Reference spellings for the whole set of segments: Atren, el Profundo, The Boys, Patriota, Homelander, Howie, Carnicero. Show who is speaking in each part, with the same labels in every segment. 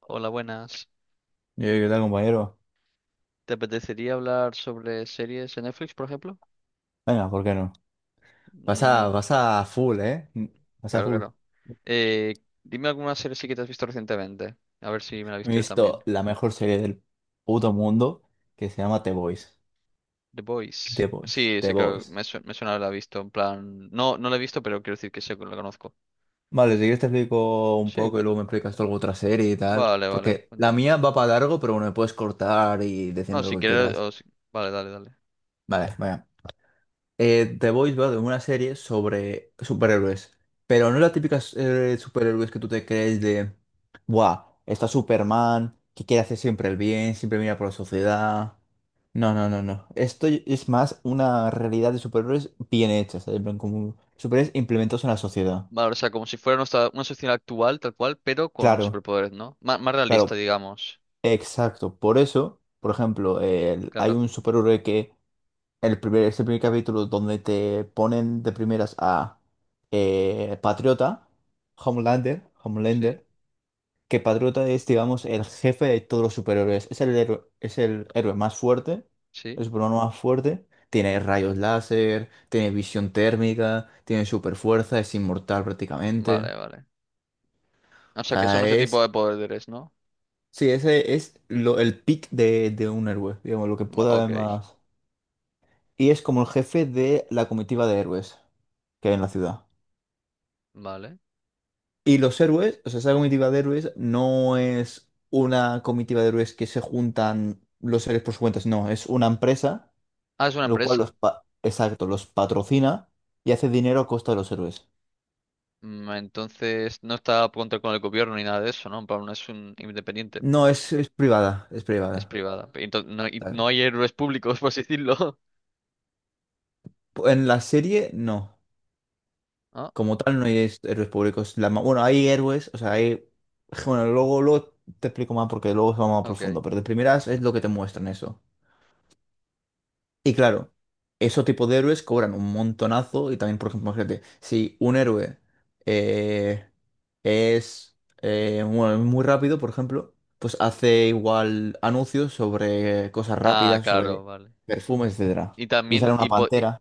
Speaker 1: Hola, buenas.
Speaker 2: ¿Qué tal, compañero?
Speaker 1: ¿Te apetecería hablar sobre series en Netflix, por ejemplo?
Speaker 2: Venga, ¿por qué no? Vas
Speaker 1: Mm,
Speaker 2: a, vas a full, ¿eh? Vas a
Speaker 1: claro,
Speaker 2: full.
Speaker 1: claro. Dime alguna serie sí que te has visto recientemente. A ver si me la he
Speaker 2: No, he
Speaker 1: visto yo
Speaker 2: visto
Speaker 1: también.
Speaker 2: la mejor serie del puto mundo que se llama The Boys.
Speaker 1: The Boys. Sí,
Speaker 2: The
Speaker 1: sé que
Speaker 2: Boys.
Speaker 1: me suena haberla visto. En plan, no, no la he visto, pero quiero decir que sé que la conozco.
Speaker 2: Vale, si quieres te explico un
Speaker 1: Sí,
Speaker 2: poco y
Speaker 1: cuen-
Speaker 2: luego me explicas tú alguna otra serie y tal.
Speaker 1: vale, vale.
Speaker 2: Porque la
Speaker 1: Cuéntame.
Speaker 2: mía va para largo, pero bueno, me puedes cortar y
Speaker 1: No,
Speaker 2: decirme lo
Speaker 1: si
Speaker 2: que
Speaker 1: quieres.
Speaker 2: quieras.
Speaker 1: O si- Vale, dale, dale.
Speaker 2: Vale, venga. The Boys va de una serie sobre superhéroes, pero no las típicas superhéroes que tú te crees de, ¡buah! Está Superman, que quiere hacer siempre el bien, siempre mira por la sociedad. No, no, no, no. Esto es más una realidad de superhéroes bien hecha, ¿sabes? En plan, como superhéroes implementados en la sociedad.
Speaker 1: Vale, o sea, como si fuera una sociedad actual, tal cual, pero con
Speaker 2: Claro,
Speaker 1: superpoderes, ¿no? Más realista,
Speaker 2: claro,
Speaker 1: digamos.
Speaker 2: exacto. Por eso, por ejemplo, hay
Speaker 1: Claro.
Speaker 2: un superhéroe que ese primer capítulo donde te ponen de primeras a Patriota,
Speaker 1: Sí,
Speaker 2: Homelander, que Patriota es, digamos, el jefe de todos los superhéroes. Es el héroe más fuerte, el
Speaker 1: sí.
Speaker 2: superhéroe más fuerte. Tiene rayos láser, tiene visión térmica, tiene superfuerza, es inmortal prácticamente.
Speaker 1: Vale, vale. O
Speaker 2: O
Speaker 1: sea, que son
Speaker 2: sea,
Speaker 1: ese tipo de
Speaker 2: es...
Speaker 1: poderes, ¿no?
Speaker 2: Sí, ese es el pick de un héroe, digamos, lo que pueda haber
Speaker 1: Ok,
Speaker 2: más. Y es como el jefe de la comitiva de héroes que hay en la ciudad.
Speaker 1: vale.
Speaker 2: Y los héroes, o sea, esa comitiva de héroes no es una comitiva de héroes que se juntan los héroes por su cuenta, no, es una empresa,
Speaker 1: Ah, es una
Speaker 2: lo cual
Speaker 1: empresa.
Speaker 2: exacto, los patrocina y hace dinero a costa de los héroes.
Speaker 1: Entonces no está a contra con el gobierno ni nada de eso, ¿no? En plan, no es un independiente,
Speaker 2: No, es privada, es
Speaker 1: es
Speaker 2: privada.
Speaker 1: privada. Entonces, no, y
Speaker 2: Tal.
Speaker 1: no hay héroes públicos, por así decirlo.
Speaker 2: En la serie, no.
Speaker 1: Ah,
Speaker 2: Como tal, no hay héroes públicos. Bueno, hay héroes, o sea, hay... Bueno, luego te explico más porque luego se va más a
Speaker 1: ok.
Speaker 2: profundo, pero de primeras es lo que te muestran eso. Y claro, esos tipos de héroes cobran un montonazo y también, por ejemplo, imagínate, si un héroe eh, es bueno, muy rápido, por ejemplo, pues hace igual anuncios sobre cosas
Speaker 1: Ah,
Speaker 2: rápidas,
Speaker 1: claro,
Speaker 2: sobre
Speaker 1: vale.
Speaker 2: perfumes, etcétera.
Speaker 1: Y
Speaker 2: Y sale
Speaker 1: también,
Speaker 2: una pantera.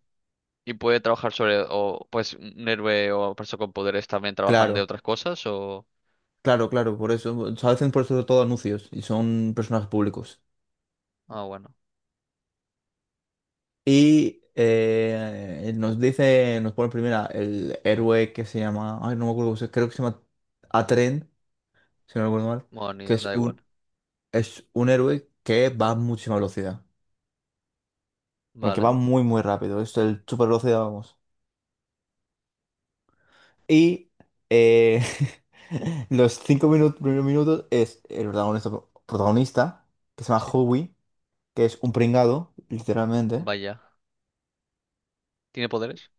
Speaker 1: y puede trabajar sobre, o pues un héroe o persona con poderes también trabajan de
Speaker 2: Claro,
Speaker 1: otras cosas, o...
Speaker 2: claro, por eso. O sea, hacen por eso todo anuncios y son personajes públicos.
Speaker 1: Ah, bueno.
Speaker 2: Y nos pone primera el héroe que se llama, ay, no me acuerdo, creo que se llama Atren si no recuerdo mal,
Speaker 1: Bueno,
Speaker 2: que es
Speaker 1: da igual.
Speaker 2: es un héroe que va a muchísima velocidad, aunque va
Speaker 1: Vale,
Speaker 2: muy, muy rápido, es el super velocidad, vamos. Y eh, los 5 minutos, primeros minutos es el protagonista, que se llama
Speaker 1: sí.
Speaker 2: Howie, que es un pringado, literalmente.
Speaker 1: Vaya. ¿Tiene poderes?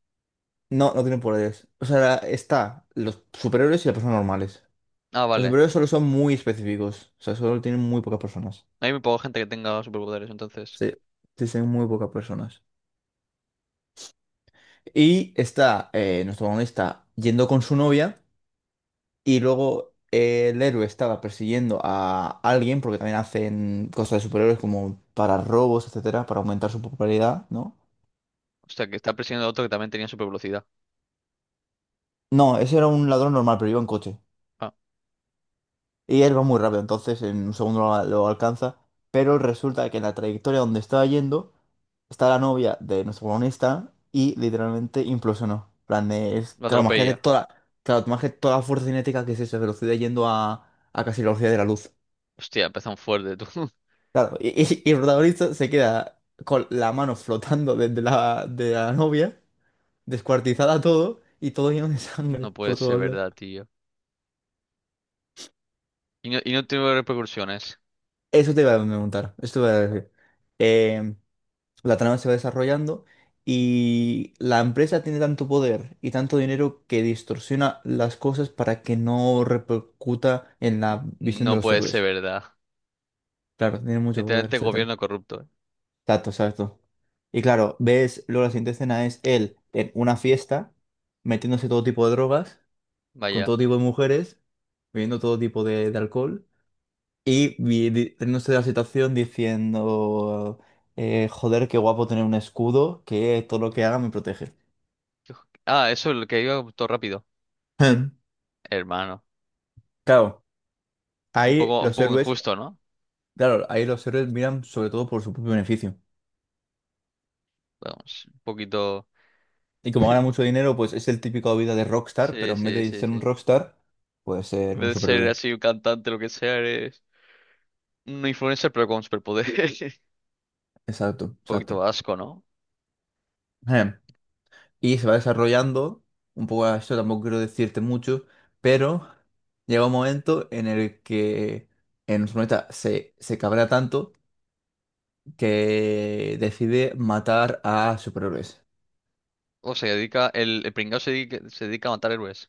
Speaker 2: No, no tiene poderes. O sea, está los superhéroes y las personas normales.
Speaker 1: Ah,
Speaker 2: Los
Speaker 1: vale.
Speaker 2: superhéroes solo son muy específicos, o sea, solo tienen muy pocas personas.
Speaker 1: Hay muy poca gente que tenga superpoderes, entonces.
Speaker 2: Sí, sí, son muy pocas personas. Y está nuestro protagonista yendo con su novia y luego el héroe estaba persiguiendo a alguien porque también hacen cosas de superhéroes como para robos, etcétera, para aumentar su popularidad, ¿no?
Speaker 1: O sea, que está persiguiendo a otro que también tenía supervelocidad.
Speaker 2: No, ese era un ladrón normal, pero iba en coche.
Speaker 1: Ah,
Speaker 2: Y él va muy rápido, entonces en un segundo lo alcanza, pero resulta que en la trayectoria donde estaba yendo está la novia de nuestro protagonista y literalmente implosionó. En plan,
Speaker 1: lo atropella.
Speaker 2: claro, imagínate toda la fuerza cinética que es esa velocidad yendo a casi la velocidad de la luz.
Speaker 1: Hostia, empezó fuerte, tú.
Speaker 2: Claro, y el protagonista se queda con la mano flotando de la novia, descuartizada todo y todo lleno de sangre
Speaker 1: No puede
Speaker 2: por
Speaker 1: ser
Speaker 2: todos lados.
Speaker 1: verdad, tío. Y no tiene repercusiones.
Speaker 2: Eso te iba a preguntar, esto te iba a decir. Em, La trama se va desarrollando y la empresa tiene tanto poder y tanto dinero que distorsiona las cosas para que no repercuta en la visión de
Speaker 1: No
Speaker 2: los
Speaker 1: puede ser
Speaker 2: héroes.
Speaker 1: verdad.
Speaker 2: Claro, tiene mucho poder,
Speaker 1: Literalmente
Speaker 2: etcétera.
Speaker 1: gobierno corrupto, eh.
Speaker 2: Exacto, exacto. Y claro, ves, luego la siguiente escena es él en una fiesta, metiéndose todo tipo de drogas, con
Speaker 1: Vaya.
Speaker 2: todo tipo de mujeres, bebiendo todo tipo de alcohol y teniéndose de la situación diciendo, joder, qué guapo tener un escudo que todo lo que haga me protege.
Speaker 1: Ah, eso es lo que iba todo rápido.
Speaker 2: Hmm.
Speaker 1: Hermano.
Speaker 2: Claro,
Speaker 1: Es
Speaker 2: ahí
Speaker 1: un
Speaker 2: los
Speaker 1: poco
Speaker 2: héroes,
Speaker 1: injusto, ¿no?
Speaker 2: claro, ahí los héroes miran sobre todo por su propio beneficio.
Speaker 1: Vamos, un poquito.
Speaker 2: Y como gana mucho dinero, pues es el típico vida de rockstar,
Speaker 1: Sí,
Speaker 2: pero en vez
Speaker 1: sí,
Speaker 2: de
Speaker 1: sí,
Speaker 2: ser un
Speaker 1: sí.
Speaker 2: rockstar, puede
Speaker 1: En
Speaker 2: ser
Speaker 1: vez
Speaker 2: un
Speaker 1: de ser
Speaker 2: superhéroe.
Speaker 1: así un cantante, lo que sea, eres un influencer, pero con superpoderes.
Speaker 2: Exacto,
Speaker 1: Un poquito
Speaker 2: exacto.
Speaker 1: asco, ¿no?
Speaker 2: Em, Y se va desarrollando, un poco a esto tampoco quiero decirte mucho, pero llega un momento en el que en su planeta se cabrea tanto que decide matar a superhéroes.
Speaker 1: O se dedica, el pringao se dedica a matar héroes.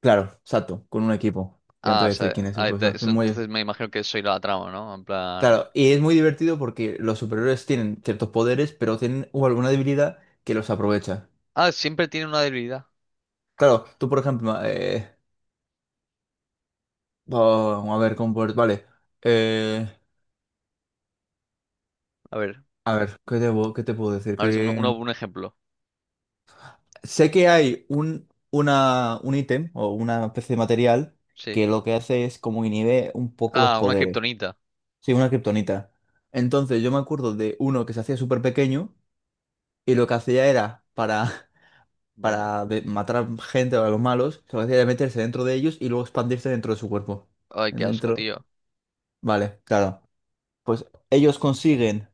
Speaker 2: Claro, exacto, con un equipo. Y
Speaker 1: Ah,
Speaker 2: antes
Speaker 1: o
Speaker 2: de decir
Speaker 1: sea,
Speaker 2: quién es un
Speaker 1: ah,
Speaker 2: profesor, es muy,
Speaker 1: entonces me imagino que soy la trama, ¿no? En plan...
Speaker 2: claro, y es muy divertido porque los superhéroes tienen ciertos poderes, pero tienen alguna debilidad que los aprovecha.
Speaker 1: Ah, siempre tiene una debilidad.
Speaker 2: Claro, tú por ejemplo, vamos a ver, vale, eh,
Speaker 1: A ver,
Speaker 2: a ver, ¿qué te, qué te puedo decir?
Speaker 1: a ver si
Speaker 2: Que
Speaker 1: un ejemplo.
Speaker 2: sé que hay un ítem o una especie de material
Speaker 1: Sí.
Speaker 2: que lo que hace es como inhibe un poco los
Speaker 1: Ah, una
Speaker 2: poderes.
Speaker 1: kriptonita.
Speaker 2: Sí, una kriptonita. Entonces yo me acuerdo de uno que se hacía súper pequeño y lo que hacía era para...
Speaker 1: Vaya.
Speaker 2: para matar a gente o a los malos, lo que hacía era meterse dentro de ellos y luego expandirse dentro de su cuerpo.
Speaker 1: Ay, qué asco,
Speaker 2: Dentro.
Speaker 1: tío.
Speaker 2: Vale, claro. Pues ellos consiguen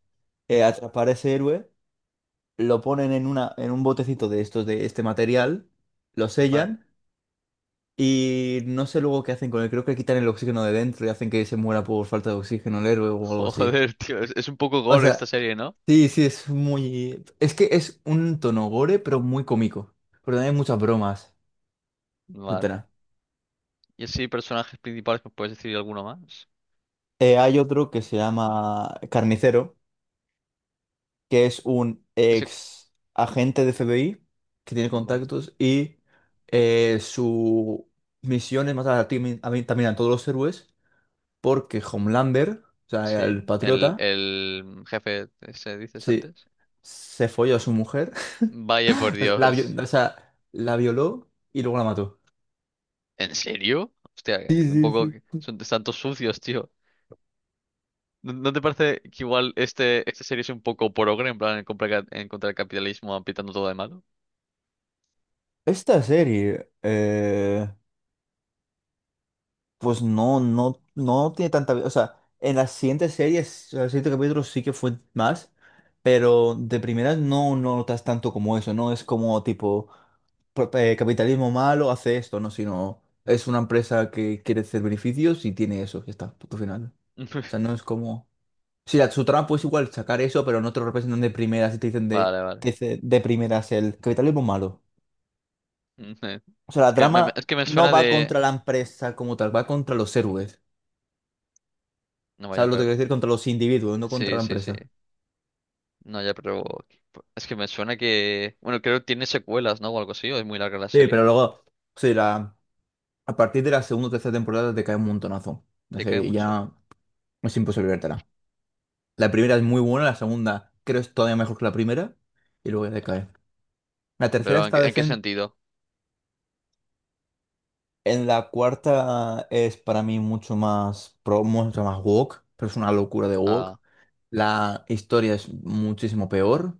Speaker 2: atrapar a ese héroe, lo ponen en en un botecito de estos, de este material, lo
Speaker 1: Vale.
Speaker 2: sellan y no sé luego qué hacen con él. Creo que le quitan el oxígeno de dentro y hacen que se muera por falta de oxígeno el héroe o algo así.
Speaker 1: Joder, tío, es un poco
Speaker 2: O
Speaker 1: gore esta
Speaker 2: sea,
Speaker 1: serie, ¿no?
Speaker 2: sí, sí, es muy. Es que es un tono gore, pero muy cómico. Pero también hay muchas bromas,
Speaker 1: Vale.
Speaker 2: etcétera.
Speaker 1: Y así, personajes principales, ¿me puedes decir alguno más?
Speaker 2: Hay otro que se llama Carnicero, que es un
Speaker 1: Ese...
Speaker 2: ex agente de F b i que tiene
Speaker 1: Vale.
Speaker 2: contactos y su misión es matar a, también a todos los héroes porque Homelander, o sea, el
Speaker 1: Sí.
Speaker 2: patriota,
Speaker 1: El jefe, ese dices
Speaker 2: sí,
Speaker 1: antes.
Speaker 2: se folló a su mujer,
Speaker 1: Vaya por
Speaker 2: o sea,
Speaker 1: Dios.
Speaker 2: o sea, la violó y luego la mató.
Speaker 1: ¿En serio? Hostia,
Speaker 2: Sí,
Speaker 1: un
Speaker 2: sí,
Speaker 1: poco que
Speaker 2: sí.
Speaker 1: son tantos sucios, tío. ¿No, no te parece que igual este, esta serie es un poco progre, en plan, en contra del capitalismo, apitando todo de malo?
Speaker 2: Esta serie, pues no, no tiene tanta vida. O sea, en las siguientes series, en los siguientes capítulos sí que fue más, pero de primeras no, no notas tanto como eso, no es como tipo capitalismo malo hace esto, no, sino es una empresa que quiere hacer beneficios y tiene eso, ya está, punto final. O sea, no es como. Sí, su trama pues igual sacar eso, pero no te lo representan de primeras y te dicen
Speaker 1: Vale, vale.
Speaker 2: te dice de primeras el capitalismo malo.
Speaker 1: Ujú.
Speaker 2: O sea,
Speaker 1: Es
Speaker 2: la
Speaker 1: que
Speaker 2: trama
Speaker 1: es que me
Speaker 2: no
Speaker 1: suena
Speaker 2: va
Speaker 1: de...
Speaker 2: contra la empresa como tal, va contra los héroes.
Speaker 1: No vaya,
Speaker 2: ¿Sabes lo que quiero
Speaker 1: pero...
Speaker 2: decir? Contra los individuos, no contra
Speaker 1: Sí,
Speaker 2: la
Speaker 1: sí, sí.
Speaker 2: empresa.
Speaker 1: No, ya, pero... Es que me suena que... Bueno, creo que tiene secuelas, ¿no? O algo así, o es muy larga la
Speaker 2: Sí,
Speaker 1: serie.
Speaker 2: pero luego, sí, la, a partir de la segunda o tercera temporada te cae un montonazo. No sé,
Speaker 1: Decae
Speaker 2: y
Speaker 1: mucho.
Speaker 2: ya es imposible vértela. La primera es muy buena, la segunda creo es todavía mejor que la primera, y luego ya te cae. La tercera
Speaker 1: Pero
Speaker 2: está
Speaker 1: en qué
Speaker 2: decente,
Speaker 1: sentido?
Speaker 2: en la cuarta es para mí mucho más pro, mucho más woke, pero es una locura de woke.
Speaker 1: Ah,
Speaker 2: La historia es muchísimo peor,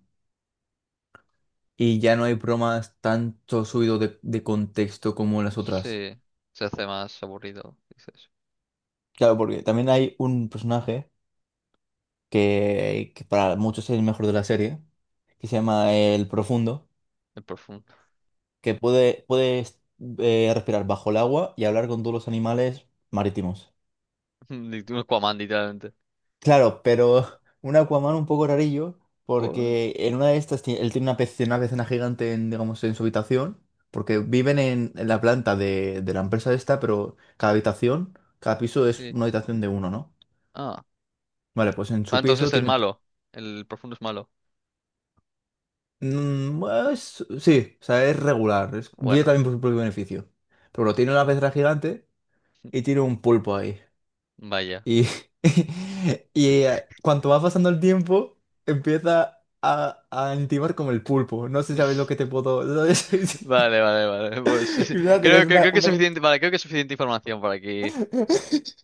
Speaker 2: y ya no hay bromas tanto subido de contexto como en las otras.
Speaker 1: sí. Se hace más aburrido, dices.
Speaker 2: Claro, porque también hay un personaje que para muchos es el mejor de la serie, que se llama el Profundo,
Speaker 1: El profundo.
Speaker 2: que puede respirar bajo el agua y hablar con todos los animales marítimos.
Speaker 1: Un Aquaman, literalmente.
Speaker 2: Claro, pero un Aquaman un poco rarillo,
Speaker 1: ¿Por?
Speaker 2: porque en una de estas él tiene una pecera gigante en, digamos, en su habitación, porque viven en la planta de la empresa esta, pero cada habitación, cada piso es
Speaker 1: Sí.
Speaker 2: una habitación de uno, ¿no?
Speaker 1: Ah.
Speaker 2: Vale, pues en
Speaker 1: Ah,
Speaker 2: su piso
Speaker 1: entonces es
Speaker 2: tiene
Speaker 1: malo. El profundo es malo.
Speaker 2: Bueno, sí, o sea, es regular. Es, viene
Speaker 1: Bueno,
Speaker 2: también por su propio beneficio. Pero bueno, tiene una pecera gigante y tiene un pulpo ahí.
Speaker 1: vaya.
Speaker 2: Y y cuanto va pasando el tiempo, empieza a intimar como el pulpo. No sé si sabéis lo que te puedo... Sí, sí.
Speaker 1: Vale, vale, vale. Pues sí, sí.
Speaker 2: Y empieza a tener
Speaker 1: Creo que es
Speaker 2: una-
Speaker 1: suficiente. Vale, creo que es suficiente información para aquí.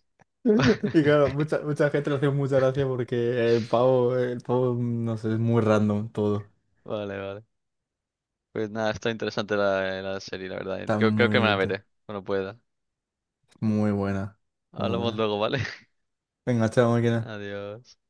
Speaker 2: Y claro, mucha gente le hace mucha gracia porque el pavo, no sé, es muy random todo.
Speaker 1: Vale, vale. Pues nada, está interesante la, la serie, la verdad.
Speaker 2: Está
Speaker 1: Creo que me la
Speaker 2: muy,
Speaker 1: veré cuando pueda.
Speaker 2: muy buena, muy
Speaker 1: Hablamos
Speaker 2: buena.
Speaker 1: luego, ¿vale?
Speaker 2: Venga, chao, máquina.
Speaker 1: Adiós.